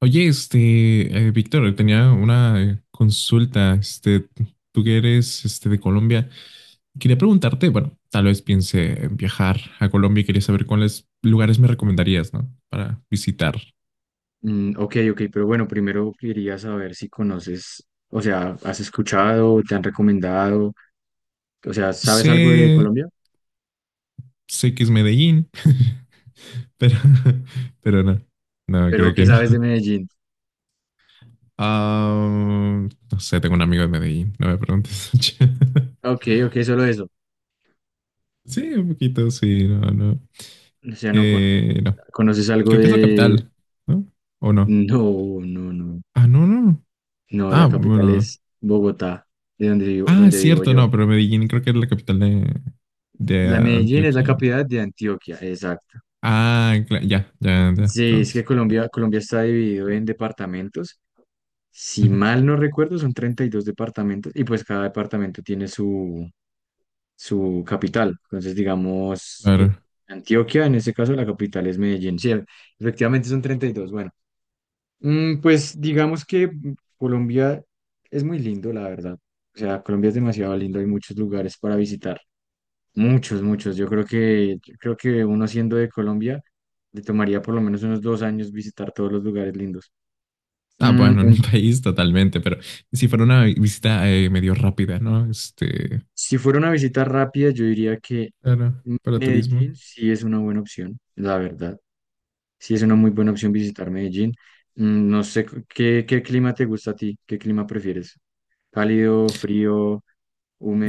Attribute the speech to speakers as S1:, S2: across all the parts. S1: Oye, Víctor, tenía una consulta, tú que eres, de Colombia, quería preguntarte, bueno, tal vez piense en viajar a Colombia y quería saber cuáles lugares me recomendarías, ¿no? Para visitar.
S2: Mm, ok, ok, pero bueno, primero quería saber si conoces, o sea, has escuchado, te han recomendado, o sea, ¿sabes algo de
S1: Sé,
S2: Colombia?
S1: sé que es Medellín, pero, pero no, no,
S2: Pero
S1: creo
S2: ¿qué
S1: que no.
S2: sabes de Medellín?
S1: Ah, no sé, tengo un amigo de Medellín, no me preguntes.
S2: Ok, ok, solo eso.
S1: Sí, un poquito, sí, no, no.
S2: O sea, no
S1: No,
S2: conoces algo
S1: creo que es la
S2: de.
S1: capital, ¿no? ¿O no?
S2: No, no, no.
S1: Ah, no, no. No.
S2: No,
S1: Ah,
S2: la capital
S1: bueno.
S2: es Bogotá, de
S1: Ah, es
S2: donde vivo
S1: cierto,
S2: yo.
S1: no, pero Medellín creo que es la capital de
S2: La Medellín es la
S1: Antioquia.
S2: capital de Antioquia, exacto.
S1: Ya, ya, ya,
S2: Sí, es que
S1: entonces.
S2: Colombia está dividido en departamentos. Si
S1: Ujú.
S2: mal no recuerdo, son 32 departamentos y pues cada departamento tiene su capital. Entonces, digamos,
S1: Claro.
S2: Antioquia, en ese caso, la capital es Medellín. Sí, efectivamente son 32. Bueno, pues digamos que Colombia es muy lindo, la verdad. O sea, Colombia es demasiado lindo, hay muchos lugares para visitar. Muchos, muchos. Yo creo que uno siendo de Colombia, le tomaría por lo menos unos 2 años visitar todos los lugares lindos.
S1: Ah,
S2: Mm,
S1: bueno, en un país totalmente, pero si fuera una visita medio rápida, ¿no?
S2: Si fuera una visita rápida, yo diría que
S1: Claro, para turismo.
S2: Medellín sí es una buena opción, la verdad. Sí es una muy buena opción visitar Medellín. No sé qué clima te gusta a ti, qué clima prefieres. Cálido, frío,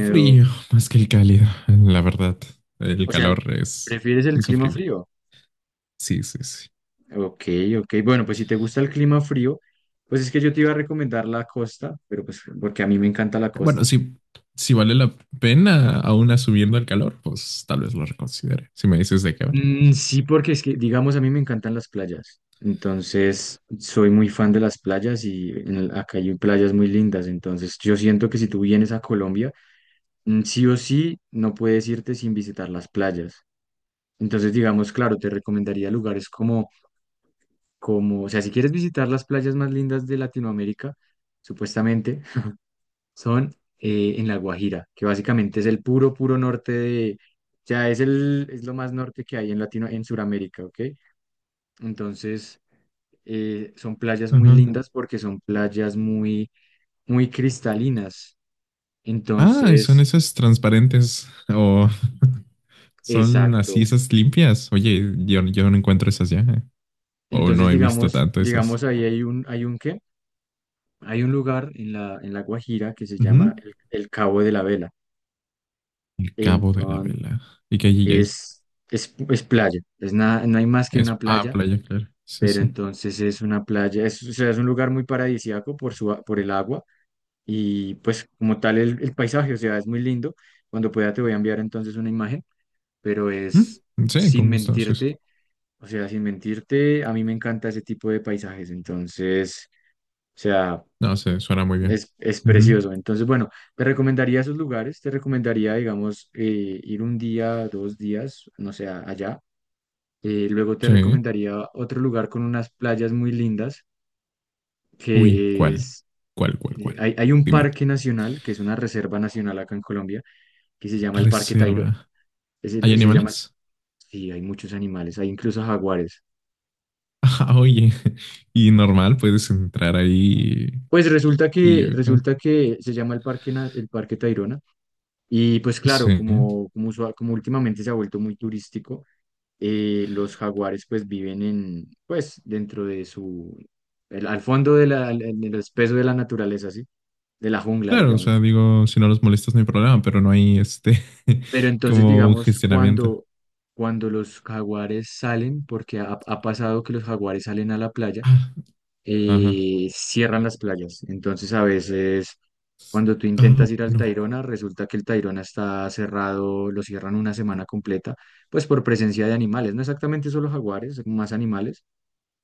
S1: Frío, más que el cálido, la verdad. El
S2: O sea,
S1: calor es
S2: ¿prefieres el clima
S1: insufrible.
S2: frío?
S1: Sí, sí, sí.
S2: Ok, ok. Bueno, pues si te gusta el clima frío, pues es que yo te iba a recomendar la costa, pero pues porque a mí me encanta la
S1: Bueno,
S2: costa.
S1: si vale la pena aún asumiendo el calor, pues tal vez lo reconsidere. Si me dices de qué va.
S2: Mm, sí, porque es que, digamos, a mí me encantan las playas. Entonces, soy muy fan de las playas y acá hay playas muy lindas. Entonces, yo siento que si tú vienes a Colombia, sí o sí, no puedes irte sin visitar las playas. Entonces, digamos, claro, te recomendaría lugares como, o sea, si quieres visitar las playas más lindas de Latinoamérica, supuestamente, son en La Guajira, que básicamente es el puro, puro norte de, o sea, es lo más norte que hay en en Sudamérica, ¿ok? Entonces, son playas muy
S1: Ajá.
S2: lindas porque son playas muy, muy cristalinas.
S1: Ah, ¿y son
S2: Entonces,
S1: esas transparentes o son así
S2: exacto.
S1: esas limpias? Oye, yo no encuentro esas ya. O
S2: Entonces,
S1: no he visto
S2: digamos,
S1: tanto esas.
S2: digamos, ahí hay un lugar en la Guajira que se llama
S1: Ujú.
S2: el Cabo de la Vela.
S1: El Cabo de la
S2: Entonces,
S1: Vela. ¿Y qué hay ahí?
S2: es, es playa. Es nada, no hay más que una
S1: Es, ah,
S2: playa,
S1: playa, claro. Sí,
S2: pero
S1: sí.
S2: entonces es una playa, o sea, es un lugar muy paradisíaco por el agua. Y pues como tal el paisaje, o sea, es muy lindo. Cuando pueda te voy a enviar entonces una imagen, pero es
S1: ¿Mm? Sí,
S2: sin
S1: con gusto. Sí, sí.
S2: mentirte, o sea, sin mentirte, a mí me encanta ese tipo de paisajes, entonces, o sea,
S1: No sé, suena muy bien.
S2: es
S1: Ujú.
S2: precioso. Entonces, bueno, te recomendaría esos lugares, te recomendaría, digamos, ir un día, 2 días, no sé, allá. Luego te
S1: Sí.
S2: recomendaría otro lugar con unas playas muy lindas,
S1: Uy,
S2: que
S1: ¿cuál?
S2: es,
S1: ¿Cuál, cuál,
S2: eh,
S1: cuál?
S2: hay, hay un
S1: Dime.
S2: parque nacional, que es una reserva nacional acá en Colombia que se llama el Parque Tayrona.
S1: Reserva. ¿Hay
S2: se llama,
S1: animales?
S2: sí, hay muchos animales, hay incluso jaguares.
S1: Ah, oye. Y normal, ¿puedes entrar ahí
S2: Pues resulta
S1: y
S2: que,
S1: yo?
S2: resulta que se llama el Parque Tayrona, y pues claro,
S1: Sí.
S2: como últimamente se ha vuelto muy turístico, los jaguares pues viven en, pues dentro de su, al fondo de la, en el espeso de la naturaleza, ¿sí? De la jungla,
S1: Claro, o
S2: digamos.
S1: sea, digo, si no los molestas no hay problema, pero no hay este
S2: Pero entonces,
S1: como un
S2: digamos,
S1: gestionamiento.
S2: cuando los jaguares salen, porque ha pasado que los jaguares salen a la playa,
S1: Ah, ajá.
S2: cierran las playas. Entonces, a veces, cuando tú
S1: Ah,
S2: intentas ir al
S1: bueno.
S2: Tayrona, resulta que el Tayrona está cerrado, lo cierran una semana completa, pues por presencia de animales. No exactamente solo jaguares, más animales,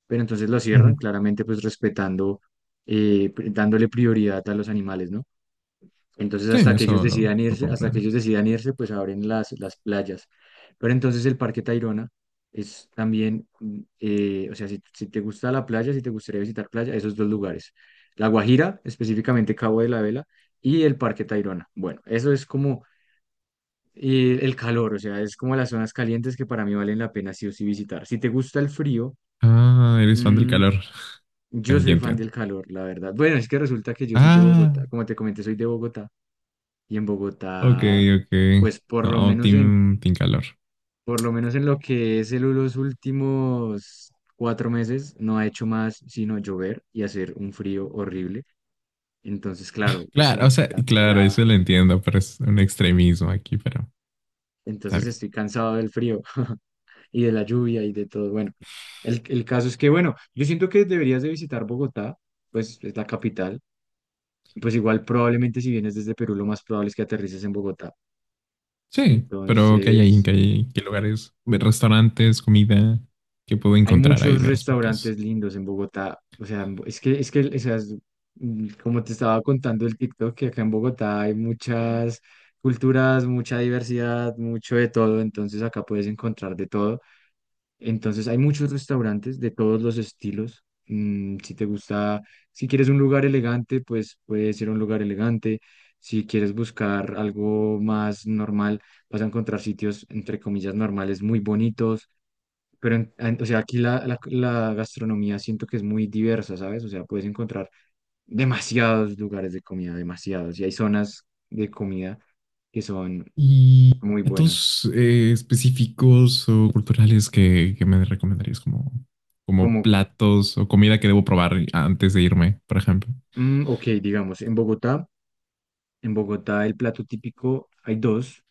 S2: pero entonces lo
S1: Ujú.
S2: cierran, claramente, pues respetando, dándole prioridad a los animales, ¿no? Entonces,
S1: Sí,
S2: hasta que ellos
S1: eso lo,
S2: decidan
S1: lo
S2: irse, hasta que
S1: comprendo.
S2: ellos decidan irse, pues abren las playas. Pero entonces el Parque Tayrona es también, o sea, si te gusta la playa, si te gustaría visitar playa, esos dos lugares. La Guajira, específicamente Cabo de la Vela, y el Parque Tayrona. Bueno, eso es como el calor, o sea, es como las zonas calientes que para mí valen la pena sí o sí visitar. Si te gusta el frío,
S1: Ah, eres fan del
S2: mm,
S1: calor.
S2: yo
S1: Ya
S2: soy fan
S1: entiendo.
S2: del calor, la verdad. Bueno, es que resulta que yo soy de
S1: Ah,
S2: Bogotá, como te comenté, soy de Bogotá y en
S1: ok,
S2: Bogotá,
S1: ok.
S2: pues por lo
S1: No,
S2: menos en,
S1: team, team calor.
S2: por lo menos en lo que es los últimos 4 meses, no ha hecho más sino llover y hacer un frío horrible. Entonces, claro, pues te
S1: Claro, o sea,
S2: imaginarás que
S1: claro,
S2: ya,
S1: eso lo entiendo, pero es un extremismo aquí, pero está
S2: entonces
S1: bien.
S2: estoy cansado del frío y de la lluvia y de todo. Bueno, el caso es que, bueno, yo siento que deberías de visitar Bogotá, pues es la capital. Pues igual probablemente si vienes desde Perú, lo más probable es que aterrices en Bogotá.
S1: Sí, pero ¿qué hay ahí?
S2: Entonces,
S1: ¿Qué hay? ¿Qué lugares? ¿Restaurantes? ¿Comida? ¿Qué puedo
S2: hay
S1: encontrar ahí
S2: muchos
S1: de respecto a eso?
S2: restaurantes lindos en Bogotá. O sea, es que, o sea, como te estaba contando el TikTok, que acá en Bogotá hay muchas culturas, mucha diversidad, mucho de todo. Entonces acá puedes encontrar de todo. Entonces hay muchos restaurantes de todos los estilos. Si quieres un lugar elegante, pues puede ser un lugar elegante. Si quieres buscar algo más normal, vas a encontrar sitios, entre comillas, normales muy bonitos, pero, o sea, aquí la gastronomía siento que es muy diversa, ¿sabes? O sea, puedes encontrar demasiados lugares de comida, demasiados. Y hay zonas de comida que son
S1: ¿Y
S2: muy buenas.
S1: platos específicos o culturales que me recomendarías como, como
S2: Como,
S1: platos o comida que debo probar antes de irme, por ejemplo?
S2: ok, digamos, en Bogotá el plato típico hay dos.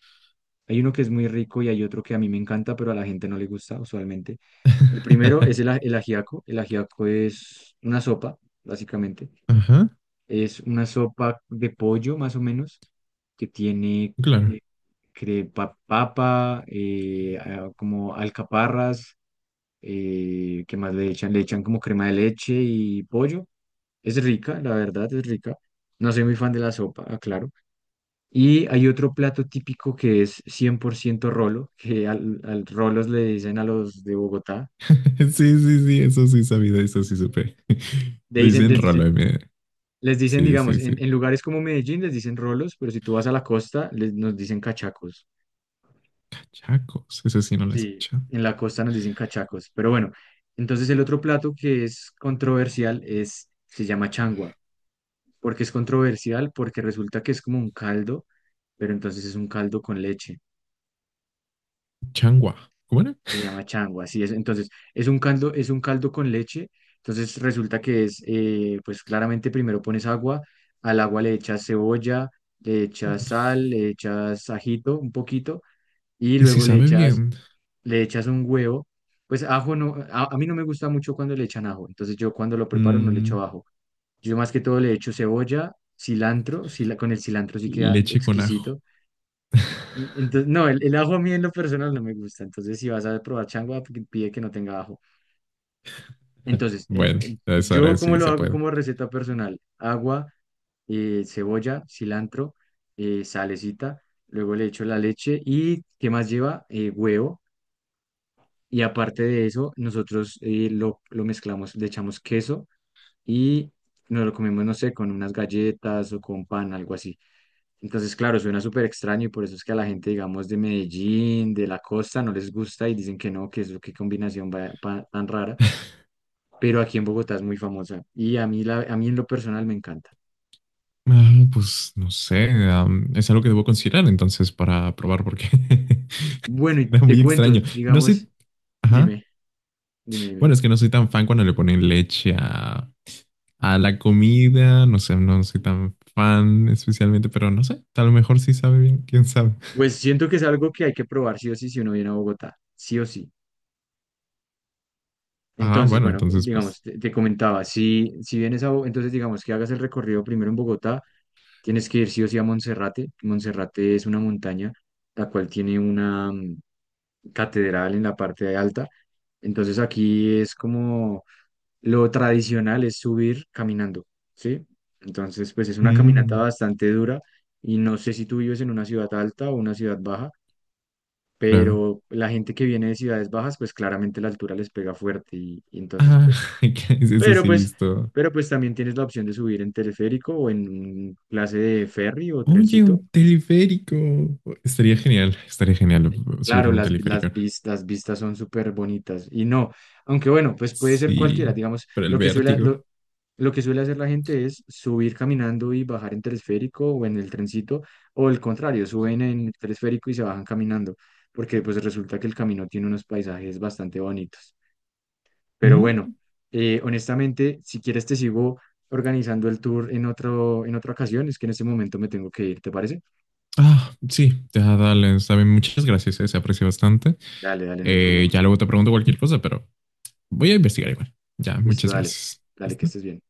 S2: Hay uno que es muy rico y hay otro que a mí me encanta, pero a la gente no le gusta usualmente. El primero es el ajiaco. El ajiaco es una sopa, básicamente.
S1: Ajá,
S2: Es una sopa de pollo, más o menos, que tiene
S1: claro.
S2: papa, como alcaparras, ¿qué más le echan? Le echan como crema de leche y pollo. Es rica, la verdad, es rica. No soy muy fan de la sopa, aclaro. Y hay otro plato típico que es 100% rolo, que al rolos le dicen a los de Bogotá,
S1: Sí, sí, sí, eso sí sabía, eso sí supe.
S2: le
S1: Le
S2: dicen,
S1: dicen
S2: les dicen,
S1: rolo, me-
S2: les dicen,
S1: Sí,
S2: digamos,
S1: sí, sí.
S2: en lugares como Medellín les dicen rolos, pero si tú vas a la costa, les, nos dicen cachacos.
S1: Chacos, eso sí no lo he
S2: Sí,
S1: escuchado.
S2: en la costa nos dicen cachacos, pero bueno, entonces el otro plato que es controversial se llama changua. ¿Por qué es controversial? Porque resulta que es como un caldo, pero entonces es un caldo con leche.
S1: Changua, ¿cómo era?
S2: Se llama changua, así es. Entonces, es un caldo con leche. Entonces resulta que pues claramente primero pones agua, al agua le echas cebolla, le echas
S1: Mm.
S2: sal, le echas ajito un poquito, y
S1: Y si
S2: luego le
S1: sabe
S2: echas
S1: bien,
S2: le echas un huevo. Pues ajo no, a mí no me gusta mucho cuando le echan ajo, entonces yo cuando lo preparo no le echo
S1: mm,
S2: ajo. Yo más que todo le echo cebolla, cilantro, con el cilantro sí queda
S1: leche con ajo.
S2: exquisito. Entonces, no, el ajo a mí en lo personal no me gusta, entonces si vas a probar changua, pide que no tenga ajo. Entonces,
S1: Bueno, a esa hora
S2: yo como
S1: sí
S2: lo
S1: se
S2: hago
S1: puede.
S2: como receta personal, agua, cebolla, cilantro, salecita, luego le echo la leche y ¿qué más lleva? Huevo. Y aparte de eso, nosotros lo mezclamos, le echamos queso y nos lo comemos, no sé, con unas galletas o con pan, algo así. Entonces, claro, suena súper extraño y por eso es que a la gente, digamos, de Medellín, de la costa, no les gusta y dicen que no, que es qué combinación tan rara. Pero aquí en Bogotá es muy famosa y a mí en lo personal me encanta.
S1: Ah, pues no sé, am, es algo que debo considerar entonces para probar porque
S2: Bueno, y
S1: suena
S2: te
S1: muy
S2: cuento,
S1: extraño. No
S2: digamos,
S1: soy, ajá,
S2: dime, dime, dime.
S1: bueno, es que no soy tan fan cuando le ponen leche a la comida, no sé, no soy tan fan especialmente, pero no sé, a lo mejor sí sabe bien, quién sabe.
S2: Pues siento que es algo que hay que probar sí o sí si uno viene a Bogotá, sí o sí.
S1: Ah,
S2: Entonces,
S1: bueno,
S2: bueno,
S1: entonces pues,
S2: digamos, te comentaba, si vienes entonces digamos que hagas el recorrido primero en Bogotá, tienes que ir sí o sí a Monserrate. Monserrate es una montaña, la cual tiene una catedral en la parte de alta. Entonces aquí es como lo tradicional es subir caminando, ¿sí? Entonces, pues es una caminata
S1: mm,
S2: bastante dura y no sé si tú vives en una ciudad alta o una ciudad baja,
S1: claro.
S2: pero la gente que viene de ciudades bajas, pues claramente la altura les pega fuerte y entonces,
S1: Ah,
S2: pues
S1: que eso
S2: pero
S1: sí he
S2: pues,
S1: visto.
S2: pero pues también tienes la opción de subir en teleférico o en un clase de ferry o
S1: Oye,
S2: trencito.
S1: un teleférico. Estaría genial subirme
S2: Claro,
S1: a un
S2: las
S1: teleférico.
S2: vistas son súper bonitas. Y no, aunque bueno, pues puede ser cualquiera.
S1: Sí,
S2: Digamos,
S1: pero el
S2: lo que suele,
S1: vértigo.
S2: lo, lo que suele hacer la gente es subir caminando y bajar en teleférico o en el trencito, o el contrario, suben en el teleférico y se bajan caminando, porque pues resulta que el camino tiene unos paisajes bastante bonitos. Pero bueno,
S1: Mm.
S2: honestamente, si quieres te sigo organizando el tour en otra ocasión. Es que en este momento me tengo que ir, ¿te parece?
S1: Ah, sí, ya dale, está bien, muchas gracias, se aprecia bastante.
S2: Dale, dale, no hay problema.
S1: Ya luego te pregunto cualquier cosa, pero voy a investigar igual. Ya,
S2: Listo,
S1: muchas
S2: dale.
S1: gracias.
S2: Dale, que
S1: ¿Listo?
S2: estés bien.